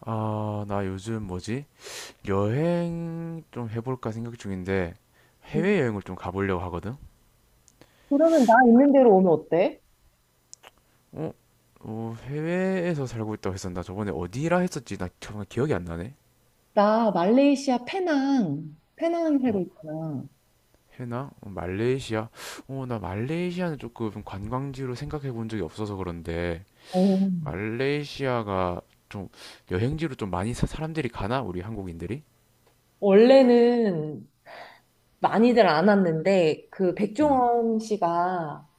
아, 나 요즘 뭐지? 여행 좀 해볼까 생각 중인데 음. 해외여행을 좀 가보려고 하거든? 그러면 나 있는 대로 오면 어때? 어? 어, 해외에서 살고 있다고 했었나? 저번에 어디라 했었지? 나 정말 기억이 안 나네. 나 말레이시아 페낭, 페낭 살고 어, 있잖아. 해나? 어, 말레이시아? 어, 나 말레이시아는 조금 관광지로 생각해 본 적이 없어서 그런데 어. 말레이시아가 좀 여행지로 좀 많이 사람들이 가나? 우리 한국인들이? 원래는 많이들 안 왔는데 그 음. 백종원 씨가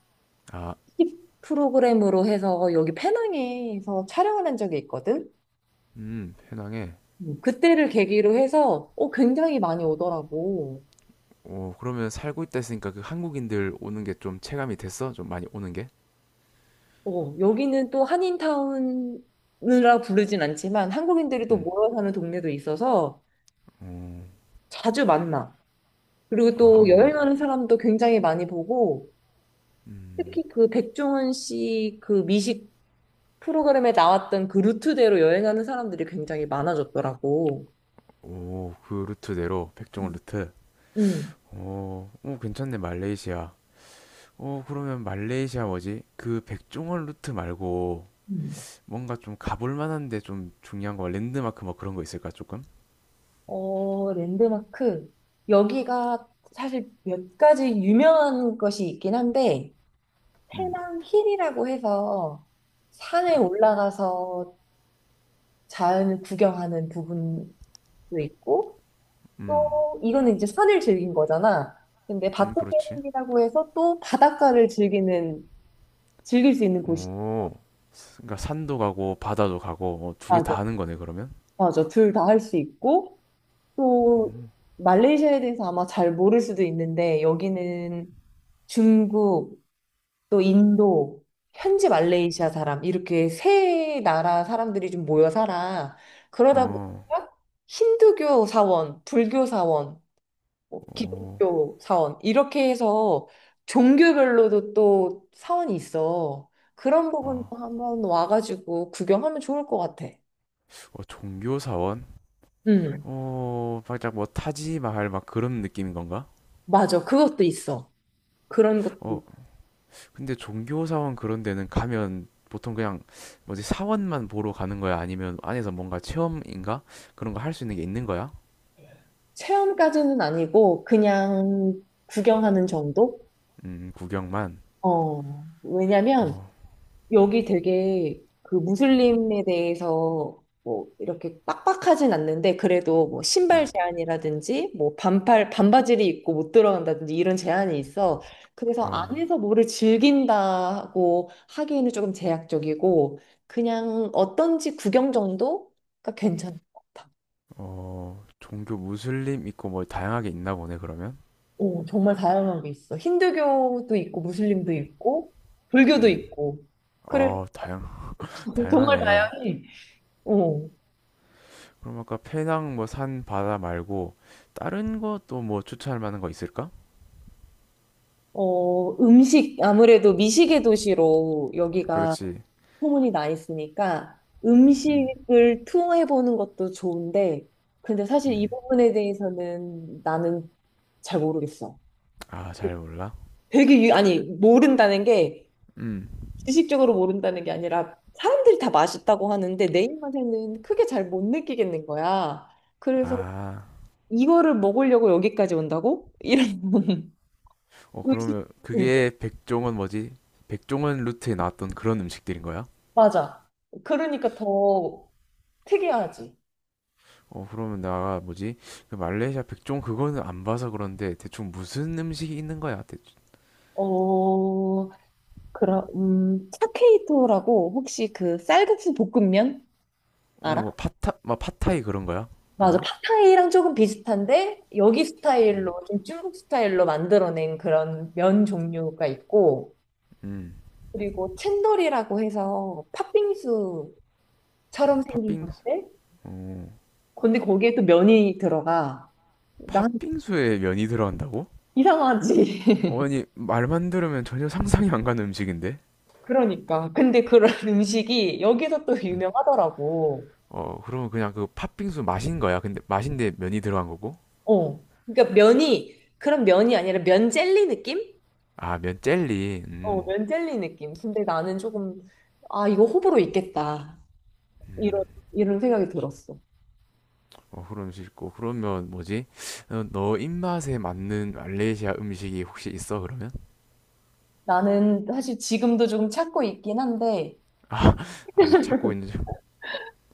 아, TV 프로그램으로 해서 여기 페낭에서 촬영을 한 적이 있거든. 해낭에. 그때를 계기로 해서 굉장히 많이 오더라고. 어, 그러면 살고 있다 했으니까 그 한국인들 오는 게 좀 체감이 됐어? 좀 많이 오는 게? 어, 여기는 또 한인타운이라 부르진 않지만 한국인들이 또 음. 모여 사는 동네도 있어서 어, 자주 만나. 그리고 아, 또 한국인. 여행하는 사람도 굉장히 많이 보고, 음. 특히 그 백종원 씨 그 미식 프로그램에 나왔던 그 루트대로 여행하는 사람들이 굉장히 많아졌더라고. 오, 그 루트대로 백종원 음. 루트. 음. 어, 어, 괜찮네 말레이시아. 어, 그러면 말레이시아 뭐지? 그 백종원 루트 말고 음. 뭔가 좀 가볼 만한데 좀 중요한 거 랜드마크 뭐 그런 거 있을까 조금? 어, 랜드마크. 여기가 사실 몇 가지 유명한 것이 있긴 한데, 음, 태낭 힐이라고 해서 산에 올라가서 자연을 구경하는 부분도 있고, 음, 또 이거는 이제 산을 즐긴 거잖아. 근데 바토 그렇지. 게임이라고 해서 또 바닷가를 즐기는 즐길 수 있는 곳이 있어. 오, 그러니까 산도 가고 바다도 가고 어, 두개 맞아, 다 하는 거네 그러면? 맞아. 둘 다 할 수 있고 또 말레이시아에 대해서 아마 잘 모를 수도 있는데 여기는 중국 또 인도 현지 말레이시아 사람 이렇게 세 나라 사람들이 좀 모여 살아. 그러다 어, 보니까 힌두교 사원, 불교 사원 뭐 어, 기독교 사원 이렇게 해서 종교별로도 또 사원이 있어. 그런 아. 부분도 한번 와가지고 구경하면 좋을 것 같아. 어, 종교사원? 음. 어, 살짝 뭐 타지마할 막 그런 느낌인 건가? 맞아. 그것도 있어. 그런 것도 어, 있- 근데 종교사원 그런 데는 가면 보통 그냥 뭐지, 사원만 보러 가는 거야? 아니면 안에서 뭔가 체험인가? 그런 거 할 수 있는 게 있는 거야? 체험까지는 아니고 그냥 구경하는 정도? 구경만. 어, 왜냐면 어, 여기 되게 그 무슬림에 대해서 뭐 이렇게 빡빡하진 않는데 그래도 뭐 음, 신발 제한이라든지 뭐 반팔 반바지를 입고 못 들어간다든지 이런 제한이 있어. 그래서 어, 안에서 뭐를 즐긴다고 하기에는 조금 제약적이고 그냥 어떤지 구경 정도가 괜찮은 것 같아. 어, 종교 무슬림 있고 뭐 다양하게 있나 보네, 그러면? 오, 정말 다양한 게 있어. 힌두교도 있고 무슬림도 있고 불교도 음, 있고. 그래, 어, 다양, 정말 다양하네. 다양해. 어. 그럼 아까 페낭 뭐 산 바다 말고 다른 것도 뭐 추천할 만한 거 있을까? 어, 음식, 아무래도 미식의 도시로 여기가 그렇지. 소문이 나 있으니까 음, 음식을 투어해보는 것도 좋은데, 근데 사실 이 음. 부분에 대해서는 나는 잘 모르겠어. 아, 잘 몰라? 되게, 유, 아니, 모른다는 게, 음. 지식적으로 모른다는 게 아니라, 사람들이 다 맛있다고 하는데, 내 입맛에는 크게 잘 못 느끼겠는 거야. 그래서 아, 이거를 먹으려고 여기까지 온다고? 이런 어, 의식. 그러면 그게 백종원 뭐지? 백종원 루트에 나왔던 그런 음식들인 거야? 맞아. 그러니까 더 특이하지? 어, 그러면 나 뭐지? 그 말레이시아 백종 그거는 안 봐서 그런데 대충 무슨 음식이 있는 거야? 대충. 어, 그럼, 차케이토라고 혹시 그 쌀국수 볶음면 어, 뭐 알아? 파타, 막 파타이 그런 거야? 맞아. 그거? 팟타이랑 조금 비슷한데, 여기 음, 스타일로, 좀 중국 스타일로 만들어낸 그런 면 종류가 있고, 음. 그리고 챈돌이라고 해서 팥빙수처럼 생긴 팥빙수? 건데, 어, 근데 거기에 또 면이 들어가. 난 팥빙수에 면이 들어간다고? 이상하지. 어, 아니, 말만 들으면 전혀 상상이 안 가는 음식인데? 그러니까. 근데 그런 음식이 여기서 또 음. 유명하더라고. 어, 그러면 그냥 그 팥빙수 맛인 거야? 근데 맛인데 면이 들어간 거고? 어, 그러니까 면이 그런 면이 아니라 면 젤리 느낌? 아, 면 젤리. 어, 음. 면젤리 느낌. 근데 나는 조금, 아, 이거 호불호 있겠다. 이런, 이런 생각이 들었어. 어, 그런 음식 있고. 그러면 뭐지? 어, 너 입맛에 맞는 말레이시아 음식이 혹시 있어, 그러면? 나는 사실 지금도 조금 찾고 있긴 한데, 아직 찾고 있는지.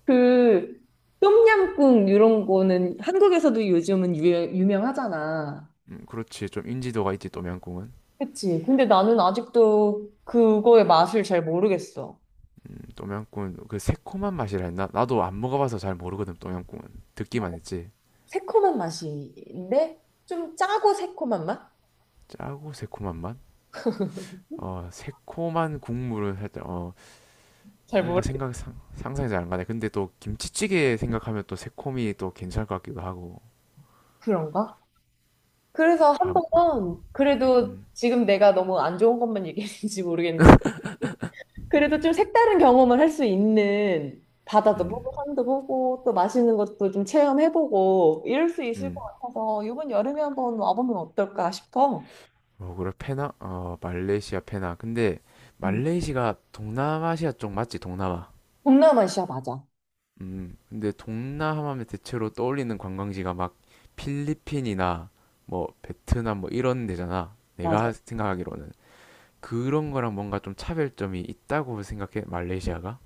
그, 똠얌꿍 이런 거는 한국에서도 요즘은 유명하잖아. 그렇지. 좀 인지도가 있지, 똠양꿍은. 그치. 근데 나는 아직도 그거의 맛을 잘 모르겠어. 똠양꿍은 그 새콤한 맛이라 했나? 나도 안 먹어봐서 잘 모르거든, 똠양꿍은. 듣기만 했지. 새콤한 맛인데, 좀 짜고 새콤한 맛? 짜고 새콤한 맛? 어, 새콤한 국물을 살짝, 어, 잘 뭔가 모르겠어. 생각, 상, 상상이 잘 안 가네. 근데 또 김치찌개 생각하면 또 새콤이 또 괜찮을 것 같기도 하고. 그런가? 그래서 아, 한번 그래도 음, 지금 내가 너무 안 좋은 것만 얘기했는지 모르겠는 그래도 좀 색다른 경험을 할 수 있는 바다도 음, 보고 산도 보고 또 맛있는 것도 좀 체험해보고 이럴 수 있을 것 음. 같아서 이번 여름에 한번 와보면 어떨까 싶어. 어, 그래, 페낭? 어, 말레이시아 페낭. 근데 음. 말레이시아가 동남아시아 쪽 맞지? 동남아. 동남아시아 맞아. 근데 동남아면 대체로 떠올리는 관광지가 막 필리핀이나 뭐 베트남 뭐 이런 데잖아. 내가 맞아. 생각하기로는. 그런 거랑 뭔가 좀 차별점이 있다고 생각해, 말레이시아가?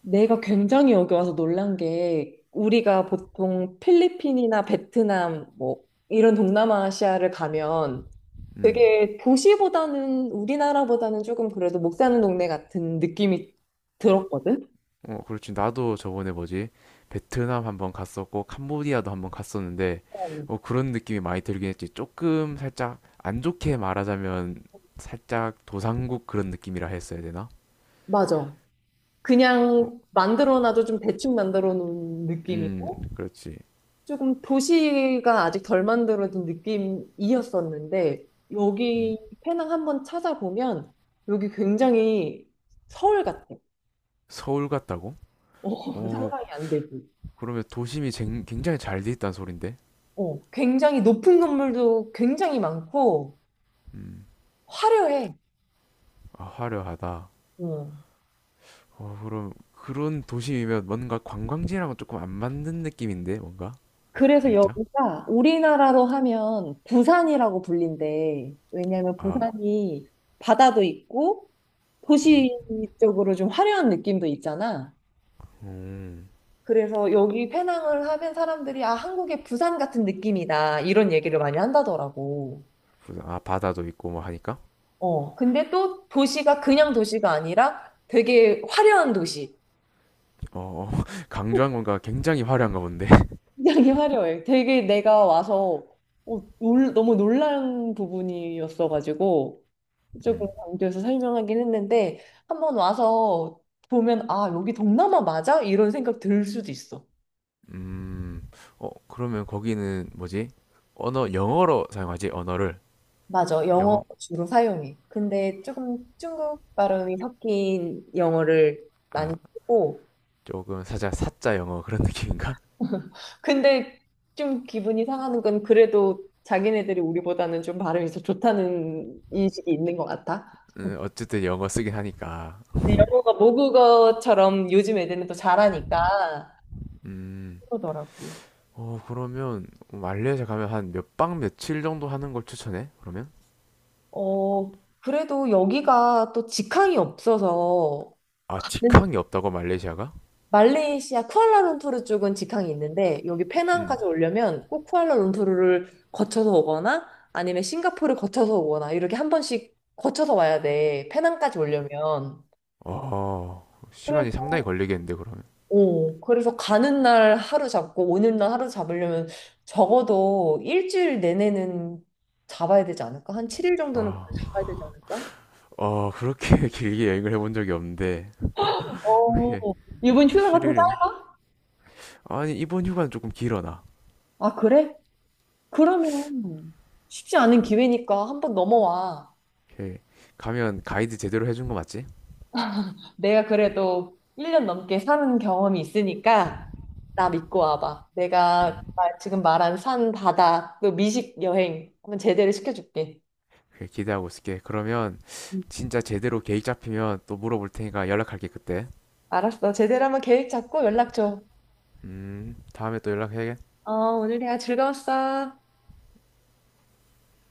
내가 굉장히 여기 와서 놀란 게 우리가 보통 필리핀이나 베트남 뭐 이런 동남아시아를 가면 음. 되게 도시보다는 우리나라보다는 조금 그래도 목 사는 동네 같은 느낌이 들었거든? 어, 그렇지. 나도 저번에 뭐지? 베트남 한번 갔었고, 캄보디아도 한번 갔었는데, 어, 어, 그런 느낌이 많이 들긴 했지. 조금 살짝 안 좋게 말하자면, 살짝 도상국 그런 느낌이라 했어야 되나? 맞아. 뭐, 그냥 만들어놔도 좀 대충 만들어 놓은 느낌이고, 그렇지. 조금 도시가 아직 덜 만들어진 느낌이었었는데, 음. 여기 페낭 한번 찾아보면, 여기 굉장히 서울 같아. 서울 같다고? 어, 오, 상상이 안 되지. 그러면 도심이 굉장히 잘 돼 있다는 소린데? 어, 굉장히 높은 건물도 굉장히 많고, 음, 화려해. 아, 화려하다. 어. 어, 그럼 그런 도심이면 뭔가 관광지랑은 조금 안 맞는 느낌인데, 뭔가? 그래서 살짝? 여기가 우리나라로 하면 부산이라고 불린대. 왜냐면 아, 부산이 바다도 있고 음. 도시 적으로 좀 화려한 느낌도 있잖아. 음. 그래서 여기 페낭을 하면 사람들이 아, 한국의 부산 같은 느낌이다. 이런 얘기를 많이 한다더라고. 아, 바다도 있고 뭐 하니까 어. 근데 또 도시가 그냥 도시가 아니라 되게 화려한 도시. 어, 어, 어, 강조한 건가? 굉장히 화려한가 본데. 굉장히 화려해. 되게 내가 와서 너무 놀란 부분이었어가지고. 조금 음, 강조해서 설명하긴 했는데 한번 와서 보면 아 여기 동남아 맞아? 이런 생각 들 수도 있어. 음, 어, 그러면 거기는 뭐지, 언어 영어로 사용하지, 언어를. 맞아. 영어 영어. 주로 사용해. 근데 조금 중국 발음이 섞인 영어를 많이 아, 쓰고 조금 사자 사자 영어 그런 느낌인가? 근데 좀 기분이 상하는 건 그래도 자기네들이 우리보다는 좀 발음이 더 좋다는 인식이 있는 것 같아. 어쨌든 영어 쓰긴 하니까. 영어가 모국어처럼 요즘 애들은 또 잘하니까 음. 그러더라고. 어, 그러면 말레이시아 가면 한 몇 박 며칠 정도 하는 걸 추천해, 그러면? 어, 그래도 여기가 또 직항이 없어서 아, 네. 직항이 없다고 말레이시아가? 말레이시아 쿠알라룸푸르 쪽은 직항이 있는데 여기 음. 페낭까지 오려면 꼭 쿠알라룸푸르를 거쳐서 오거나 아니면 싱가포르 거쳐서 오거나 이렇게 한 번씩 거쳐서 와야 돼. 페낭까지 오려면. 어, 시간이 그래서 상당히 걸리겠는데, 그러면? 어, 그래서 가는 날 하루 잡고 오는 날 하루 잡으려면 적어도 일주일 내내는 잡아야 되지 않을까? 한 7일 정도는 아, 잡아야 되지 않을까? 어, 그렇게 길게 여행을 해본 적이 없는데, 이렇게, 어, 이번 휴가가 좀 짧... 7일은? 아니, 이번 휴가는 조금 길어, 나. 아, 그래? 그러면 쉽지 않은 기회니까 한번 넘어와. 이렇게 가면 가이드 제대로 해준 거 맞지? 내가 그래도 1년 넘게 사는 경험이 있으니까 나 믿고 와봐. 내가 나 지금 말한 산, 바다, 그 미식 여행 한번 제대로 시켜줄게. 이렇게 기대하고 있을게. 그러면 응. 진짜 제대로 계획 잡히면 또 물어볼 테니까 연락할게, 그때. 알았어. 제대로 한번 계획 잡고 연락 줘. 다음에 또 연락해. 어, 오늘 대화 즐거웠어.